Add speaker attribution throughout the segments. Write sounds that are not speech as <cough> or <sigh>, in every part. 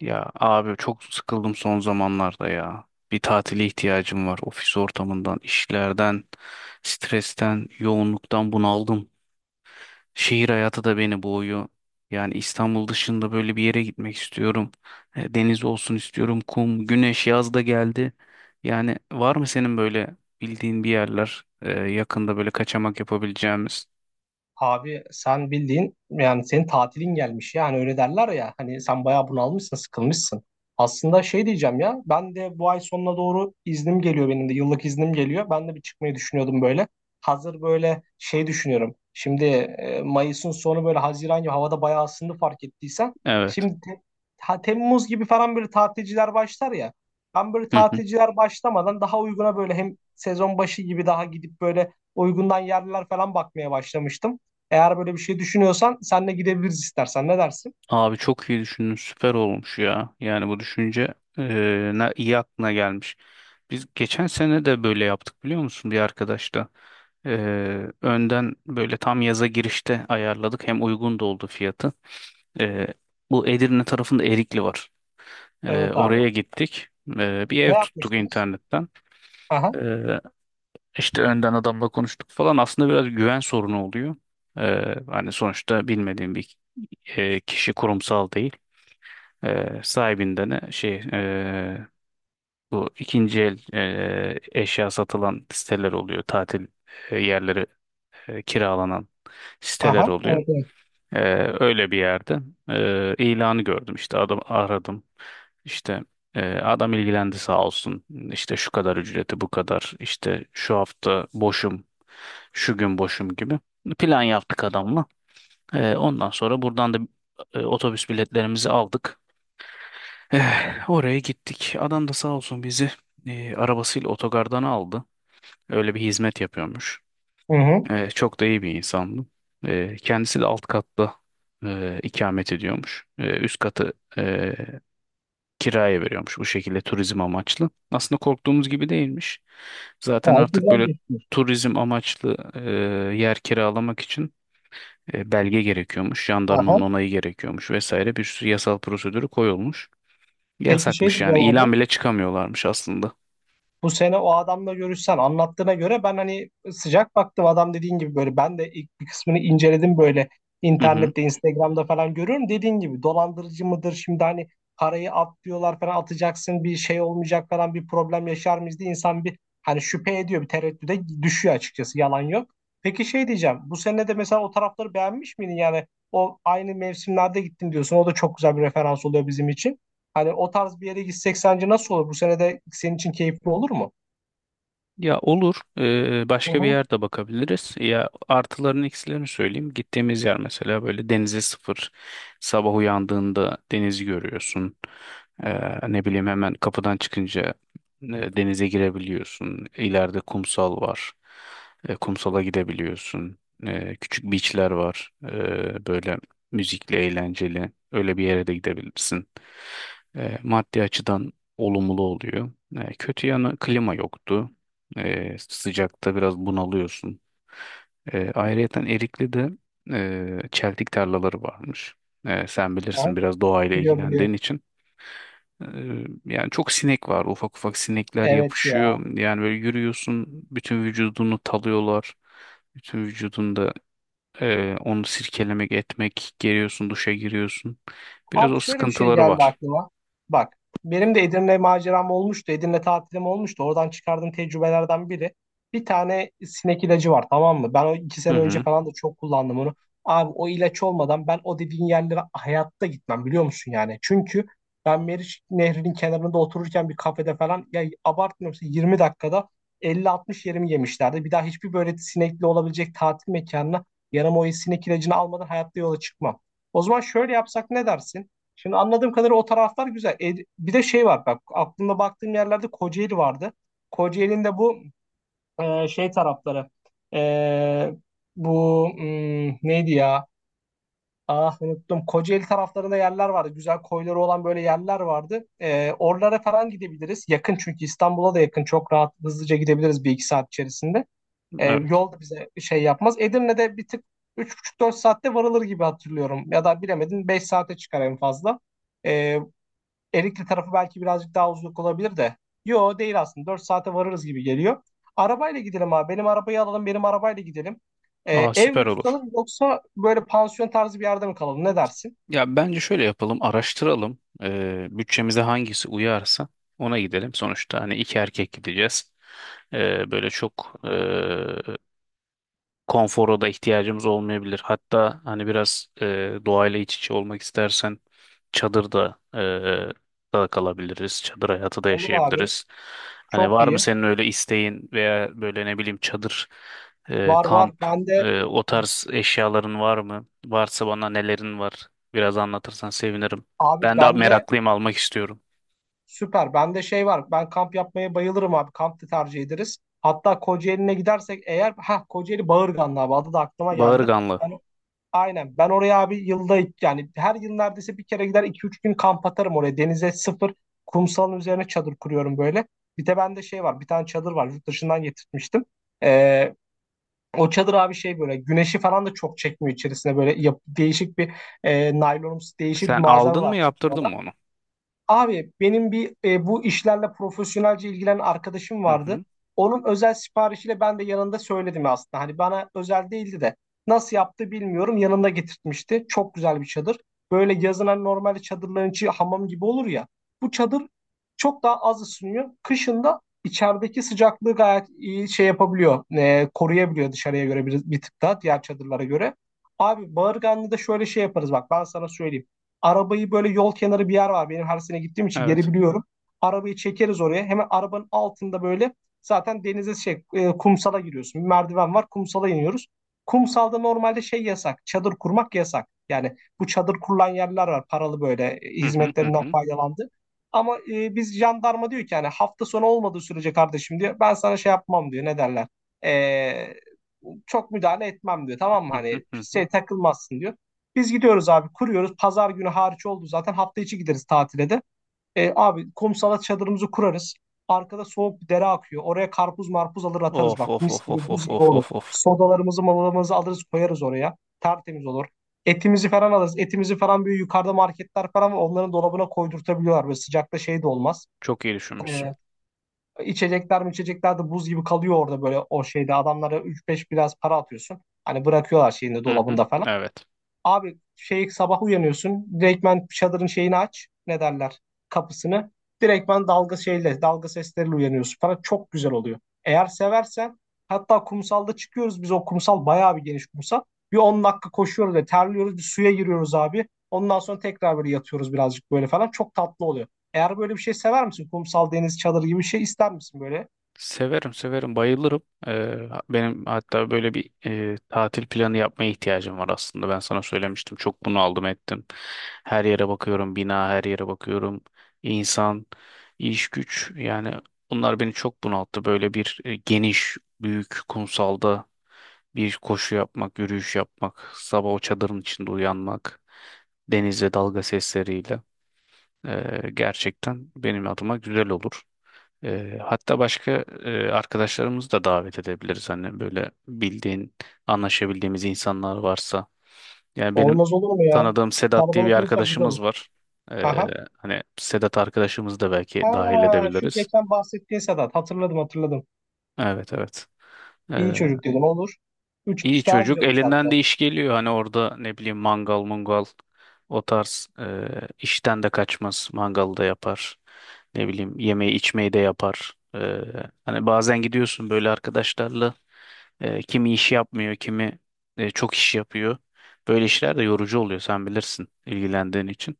Speaker 1: Ya abi çok sıkıldım son zamanlarda ya. Bir tatile ihtiyacım var. Ofis ortamından, işlerden, stresten, yoğunluktan bunaldım. Şehir hayatı da beni boğuyor. Yani İstanbul dışında böyle bir yere gitmek istiyorum. Deniz olsun istiyorum, kum, güneş, yaz da geldi. Yani var mı senin böyle bildiğin bir yerler yakında böyle kaçamak yapabileceğimiz?
Speaker 2: Abi sen bildiğin yani senin tatilin gelmiş ya hani öyle derler ya hani sen bayağı bunalmışsın sıkılmışsın. Aslında şey diyeceğim ya ben de bu ay sonuna doğru iznim geliyor benim de yıllık iznim geliyor. Ben de bir çıkmayı düşünüyordum böyle. Hazır böyle şey düşünüyorum. Şimdi Mayıs'ın sonu böyle Haziran gibi havada bayağı ısındı fark ettiysen.
Speaker 1: Evet.
Speaker 2: Şimdi ha, Temmuz gibi falan böyle tatilciler başlar ya. Ben böyle
Speaker 1: <laughs>
Speaker 2: tatilciler başlamadan daha uyguna böyle hem sezon başı gibi daha gidip böyle uygundan yerler falan bakmaya başlamıştım. Eğer böyle bir şey düşünüyorsan senle gidebiliriz istersen. Ne dersin?
Speaker 1: Abi çok iyi düşündün. Süper olmuş ya. Yani bu düşünce ne iyi aklına gelmiş. Biz geçen sene de böyle yaptık biliyor musun bir arkadaşla. Önden böyle tam yaza girişte ayarladık. Hem uygun da oldu fiyatı. Eee, Bu Edirne tarafında Erikli var.
Speaker 2: Evet abi.
Speaker 1: Oraya gittik. Bir
Speaker 2: Ne
Speaker 1: ev tuttuk
Speaker 2: yapmıştınız?
Speaker 1: internetten.
Speaker 2: Aha,
Speaker 1: Eee işte önden adamla konuştuk falan. Aslında biraz güven sorunu oluyor. Hani sonuçta bilmediğim bir kişi kurumsal değil. Sahibinden de bu ikinci el eşya satılan siteler oluyor. Tatil yerleri kiralanan siteler
Speaker 2: aha.
Speaker 1: oluyor.
Speaker 2: Evet, evet.
Speaker 1: Ee, Öyle bir yerde ilanı gördüm işte adam aradım. İşte adam ilgilendi sağ olsun. İşte şu kadar ücreti bu kadar. İşte şu hafta boşum. Şu gün boşum gibi. Plan yaptık adamla. Ondan sonra buradan da otobüs biletlerimizi aldık. Oraya gittik. Adam da sağ olsun bizi arabasıyla otogardan aldı. Öyle bir hizmet yapıyormuş.
Speaker 2: Hı hı.
Speaker 1: Çok da iyi bir insandı. Kendisi de alt katta ikamet ediyormuş. Üst katı kiraya veriyormuş bu şekilde turizm amaçlı. Aslında korktuğumuz gibi değilmiş. Zaten
Speaker 2: Gayet
Speaker 1: artık
Speaker 2: güzel
Speaker 1: böyle
Speaker 2: geçmiş.
Speaker 1: turizm amaçlı yer kiralamak için belge gerekiyormuş. Jandarmanın
Speaker 2: Aha.
Speaker 1: onayı gerekiyormuş vesaire bir sürü yasal prosedürü koyulmuş.
Speaker 2: Peki şey
Speaker 1: Yasakmış yani.
Speaker 2: diyeceğim abi.
Speaker 1: İlan bile çıkamıyorlarmış aslında.
Speaker 2: Bu sene o adamla görüşsen anlattığına göre ben hani sıcak baktım adam dediğin gibi böyle ben de ilk bir kısmını inceledim böyle
Speaker 1: Hı hı.
Speaker 2: internette Instagram'da falan görüyorum dediğin gibi dolandırıcı mıdır şimdi hani parayı at diyorlar falan atacaksın bir şey olmayacak falan bir problem yaşar mıyız diye insan bir hani şüphe ediyor bir tereddüde düşüyor açıkçası yalan yok. Peki şey diyeceğim bu sene de mesela o tarafları beğenmiş miydin yani o aynı mevsimlerde gittim diyorsun o da çok güzel bir referans oluyor bizim için. Hani o tarz bir yere gitsek sence nasıl olur? Bu sene de senin için keyifli olur mu?
Speaker 1: Ya olur.
Speaker 2: Hı
Speaker 1: Başka bir
Speaker 2: hı.
Speaker 1: yerde bakabiliriz. Ya artılarını eksilerini söyleyeyim. Gittiğimiz yer mesela böyle denize sıfır. Sabah uyandığında denizi görüyorsun. Ne bileyim hemen kapıdan çıkınca denize girebiliyorsun. İleride kumsal var. Kumsala gidebiliyorsun. Küçük beachler var. Böyle müzikli, eğlenceli. Öyle bir yere de gidebilirsin. Maddi açıdan olumlu oluyor. Kötü yanı klima yoktu. Sıcakta biraz bunalıyorsun. Ayrıyeten Erikli'de çeltik tarlaları varmış. Sen
Speaker 2: Aha,
Speaker 1: bilirsin biraz doğayla
Speaker 2: biliyorum biliyorum.
Speaker 1: ilgilendiğin için. E, Yani çok sinek var. Ufak ufak sinekler
Speaker 2: Evet ya.
Speaker 1: yapışıyor. Yani böyle yürüyorsun, bütün vücudunu talıyorlar. Bütün vücudunda onu sirkelemek, etmek, geliyorsun, duşa giriyorsun. Biraz
Speaker 2: Abi
Speaker 1: o
Speaker 2: şöyle bir şey
Speaker 1: sıkıntıları
Speaker 2: geldi
Speaker 1: var.
Speaker 2: aklıma. Bak benim de Edirne maceram olmuştu. Edirne tatilim olmuştu. Oradan çıkardığım tecrübelerden biri. Bir tane sinek ilacı var tamam mı? Ben o iki
Speaker 1: Hı
Speaker 2: sene önce
Speaker 1: hı,
Speaker 2: falan da çok kullandım onu. Abi o ilaç olmadan ben o dediğin yerlere hayatta gitmem biliyor musun yani? Çünkü ben Meriç Nehri'nin kenarında otururken bir kafede falan ya abartmıyorum size, 20 dakikada 50-60 yerimi yemişlerdi. Bir daha hiçbir böyle sinekli olabilecek tatil mekanına yanıma o sinek ilacını almadan hayatta yola çıkmam. O zaman şöyle yapsak ne dersin? Şimdi anladığım kadarıyla o taraflar güzel. E, bir de şey var bak aklımda baktığım yerlerde Kocaeli vardı. Kocaeli'nin de bu şey tarafları e, bu neydi ya? Ah unuttum. Kocaeli taraflarında yerler vardı. Güzel koyları olan böyle yerler vardı. E, oralara falan gidebiliriz. Yakın çünkü İstanbul'a da yakın. Çok rahat hızlıca gidebiliriz bir iki saat içerisinde. E,
Speaker 1: evet.
Speaker 2: yol da bize şey yapmaz. Edirne'de bir tık üç buçuk dört saatte varılır gibi hatırlıyorum. Ya da bilemedin 5 saate çıkar en fazla. E, Erikli tarafı belki birazcık daha uzun olabilir de. Yo değil aslında. 4 saate varırız gibi geliyor. Arabayla gidelim abi. Benim arabayı alalım. Benim arabayla gidelim. Ee,
Speaker 1: Aa
Speaker 2: ev
Speaker 1: süper
Speaker 2: mi
Speaker 1: olur.
Speaker 2: tutalım yoksa böyle pansiyon tarzı bir yerde mi kalalım? Ne dersin?
Speaker 1: Ya bence şöyle yapalım, araştıralım. Bütçemize hangisi uyarsa ona gidelim. Sonuçta hani iki erkek gideceğiz. Böyle çok konfora da ihtiyacımız olmayabilir. Hatta hani biraz doğayla iç içe olmak istersen çadırda da kalabiliriz. Çadır hayatı da
Speaker 2: Olur abi.
Speaker 1: yaşayabiliriz. Hani
Speaker 2: Çok
Speaker 1: var mı
Speaker 2: iyi.
Speaker 1: senin öyle isteğin veya böyle ne bileyim çadır,
Speaker 2: Var var.
Speaker 1: kamp,
Speaker 2: Bende
Speaker 1: o tarz eşyaların var mı? Varsa bana nelerin var? Biraz anlatırsan sevinirim.
Speaker 2: abi
Speaker 1: Ben de
Speaker 2: bende
Speaker 1: meraklıyım almak istiyorum.
Speaker 2: süper. Bende şey var. Ben kamp yapmaya bayılırım abi. Kamp da tercih ederiz. Hatta Kocaeli'ne gidersek eğer ha Kocaeli Bağırganlı abi adı da aklıma geldi.
Speaker 1: Bağırganlı.
Speaker 2: Aynen. Ben oraya abi yılda yani her yıl neredeyse bir kere gider iki üç gün kamp atarım oraya. Denize sıfır kumsalın üzerine çadır kuruyorum böyle. Bir de bende şey var bir tane çadır var yurt dışından getirtmiştim. Ee, o çadır abi şey böyle güneşi falan da çok çekmiyor içerisine böyle değişik bir naylonumsu değişik bir
Speaker 1: Sen
Speaker 2: malzeme
Speaker 1: aldın mı
Speaker 2: var
Speaker 1: yaptırdın
Speaker 2: çadırda.
Speaker 1: mı onu?
Speaker 2: Abi benim bir bu işlerle profesyonelce ilgilenen arkadaşım
Speaker 1: Hı
Speaker 2: vardı.
Speaker 1: hı.
Speaker 2: Onun özel siparişiyle ben de yanında söyledim aslında. Hani bana özel değildi de nasıl yaptı bilmiyorum. Yanında getirtmişti. Çok güzel bir çadır. Böyle yazın hani normalde çadırların içi hamam gibi olur ya. Bu çadır çok daha az ısınıyor. Kışın da içerideki sıcaklığı gayet iyi şey yapabiliyor. Koruyabiliyor dışarıya göre bir tık daha diğer çadırlara göre. Abi Bağırganlı'da şöyle şey yaparız bak ben sana söyleyeyim. Arabayı böyle yol kenarı bir yer var. Benim her sene gittiğim için geri
Speaker 1: Evet.
Speaker 2: biliyorum. Arabayı çekeriz oraya. Hemen arabanın altında böyle zaten denize şey kumsala giriyorsun. Bir merdiven var. Kumsala iniyoruz. Kumsalda normalde şey yasak. Çadır kurmak yasak. Yani bu çadır kurulan yerler var. Paralı böyle
Speaker 1: Hı hı, hı
Speaker 2: hizmetlerinden
Speaker 1: hı.
Speaker 2: faydalandı. Ama biz jandarma diyor ki yani hafta sonu olmadığı sürece kardeşim diyor. Ben sana şey yapmam diyor. Ne derler? E, çok müdahale etmem diyor. Tamam mı?
Speaker 1: Hı hı,
Speaker 2: Hani
Speaker 1: hı hı.
Speaker 2: şey takılmazsın diyor. Biz gidiyoruz abi kuruyoruz. Pazar günü hariç oldu zaten. Hafta içi gideriz tatile de. E, abi kumsala çadırımızı kurarız. Arkada soğuk bir dere akıyor. Oraya karpuz marpuz alır atarız
Speaker 1: Of
Speaker 2: bak.
Speaker 1: of
Speaker 2: Mis
Speaker 1: of of
Speaker 2: gibi
Speaker 1: of
Speaker 2: buz gibi
Speaker 1: of
Speaker 2: olur.
Speaker 1: of of.
Speaker 2: Sodalarımızı malalarımızı alırız koyarız oraya. Tertemiz olur. Etimizi falan alırız. Etimizi falan böyle yukarıda marketler falan var. Onların dolabına koydurtabiliyorlar. Böyle sıcakta şey de olmaz.
Speaker 1: Çok iyi düşünmüşsün.
Speaker 2: E, içecekler mi içecekler de buz gibi kalıyor orada böyle o şeyde. Adamlara üç beş biraz para atıyorsun. Hani bırakıyorlar şeyinde
Speaker 1: Hı hı.
Speaker 2: dolabında falan.
Speaker 1: Evet.
Speaker 2: Abi şey sabah uyanıyorsun. Direktmen çadırın şeyini aç. Ne derler? Kapısını. Direktmen dalga şeyle, dalga sesleriyle uyanıyorsun falan. Çok güzel oluyor. Eğer seversen hatta kumsalda çıkıyoruz biz o kumsal bayağı bir geniş kumsal. Bir 10 dakika koşuyoruz ve terliyoruz. Bir suya giriyoruz abi. Ondan sonra tekrar böyle yatıyoruz birazcık böyle falan. Çok tatlı oluyor. Eğer böyle bir şey sever misin? Kumsal, deniz, çadır gibi bir şey ister misin böyle?
Speaker 1: Severim severim bayılırım. Benim hatta böyle bir tatil planı yapmaya ihtiyacım var aslında. Ben sana söylemiştim. Çok bunu aldım ettim. Her yere bakıyorum. Bina her yere bakıyorum. İnsan, iş güç yani bunlar beni çok bunalttı. Böyle bir geniş, büyük kumsalda bir koşu yapmak, yürüyüş yapmak, sabah o çadırın içinde uyanmak, denizle dalga sesleriyle. Gerçekten benim adıma güzel olur. Hatta başka arkadaşlarımızı da davet edebiliriz. Hani böyle bildiğin, anlaşabildiğimiz insanlar varsa. Yani benim
Speaker 2: Olmaz olur mu ya?
Speaker 1: tanıdığım Sedat diye bir
Speaker 2: Kalabalık olursak güzel olur.
Speaker 1: arkadaşımız var. Ee,
Speaker 2: Aha.
Speaker 1: Hani Sedat arkadaşımızı da belki dahil
Speaker 2: Ha, şu
Speaker 1: edebiliriz.
Speaker 2: geçen bahsettiğin Sedat. Hatırladım hatırladım.
Speaker 1: Evet, evet.
Speaker 2: İyi çocuk dedim olur. Üç
Speaker 1: İyi
Speaker 2: kişi daha
Speaker 1: çocuk
Speaker 2: güzel uzattı.
Speaker 1: elinden de iş geliyor hani orada ne bileyim mangal mungal o tarz işten de kaçmaz mangalı da yapar ne bileyim yemeği içmeyi de yapar. Hani bazen gidiyorsun böyle arkadaşlarla kimi iş yapmıyor, kimi çok iş yapıyor. Böyle işler de yorucu oluyor sen bilirsin ilgilendiğin için.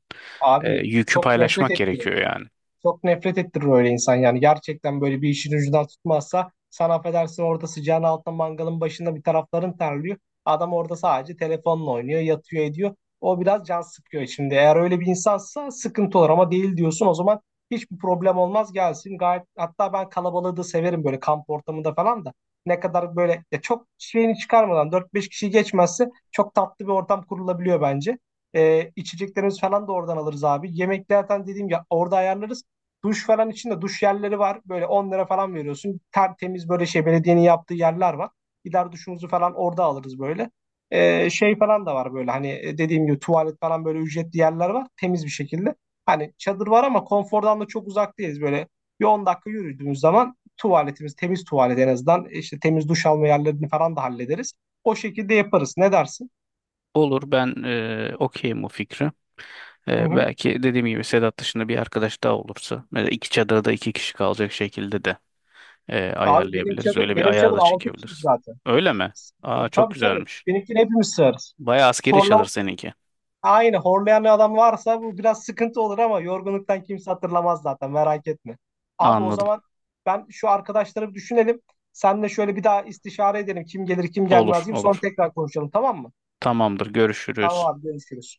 Speaker 2: Abi
Speaker 1: Yükü
Speaker 2: çok nefret
Speaker 1: paylaşmak
Speaker 2: ettim.
Speaker 1: gerekiyor yani.
Speaker 2: Çok nefret ettirir öyle insan yani. Gerçekten böyle bir işin ucundan tutmazsa sen affedersin orada sıcağın altında mangalın başında bir tarafların terliyor. Adam orada sadece telefonla oynuyor, yatıyor ediyor. O biraz can sıkıyor şimdi. Eğer öyle bir insansa sıkıntı olur ama değil diyorsun o zaman hiçbir problem olmaz gelsin. Gayet hatta ben kalabalığı da severim böyle kamp ortamında falan da. Ne kadar böyle ya çok şeyini çıkarmadan dört beş kişi geçmezse çok tatlı bir ortam kurulabiliyor bence. İçeceklerimiz falan da oradan alırız abi. Yemeklerden dediğim ya orada ayarlarız. Duş falan için de duş yerleri var. Böyle 10 lira falan veriyorsun. Tertemiz böyle şey belediyenin yaptığı yerler var. Gider duşumuzu falan orada alırız böyle. Şey falan da var böyle hani dediğim gibi tuvalet falan böyle ücretli yerler var. Temiz bir şekilde. Hani çadır var ama konfordan da çok uzak değiliz. Böyle bir 10 dakika yürüdüğümüz zaman tuvaletimiz temiz tuvalet en azından. İşte temiz duş alma yerlerini falan da hallederiz. O şekilde yaparız. Ne dersin?
Speaker 1: Olur, ben okeyim o fikre.
Speaker 2: Hı hı.
Speaker 1: Belki dediğim gibi Sedat dışında bir arkadaş daha olursa mesela iki çadırda iki kişi kalacak şekilde de
Speaker 2: Abi benim
Speaker 1: ayarlayabiliriz.
Speaker 2: çadır
Speaker 1: Öyle bir
Speaker 2: benim
Speaker 1: ayar
Speaker 2: çadır
Speaker 1: da
Speaker 2: 6 kişi
Speaker 1: çekebiliriz.
Speaker 2: zaten.
Speaker 1: Öyle mi? Aa çok
Speaker 2: Tabii tabii.
Speaker 1: güzelmiş.
Speaker 2: Benimkini hepimiz sığarız.
Speaker 1: Bayağı askeri çadır
Speaker 2: Horlama
Speaker 1: seninki.
Speaker 2: aynı horlayan adam varsa bu biraz sıkıntı olur ama yorgunluktan kimse hatırlamaz zaten merak etme. Abi o
Speaker 1: Anladım.
Speaker 2: zaman ben şu arkadaşları bir düşünelim. Senle şöyle bir daha istişare edelim. Kim gelir kim
Speaker 1: Olur,
Speaker 2: gelmez gibi sonra
Speaker 1: olur.
Speaker 2: tekrar konuşalım tamam mı?
Speaker 1: Tamamdır,
Speaker 2: Tamam
Speaker 1: görüşürüz.
Speaker 2: abi görüşürüz.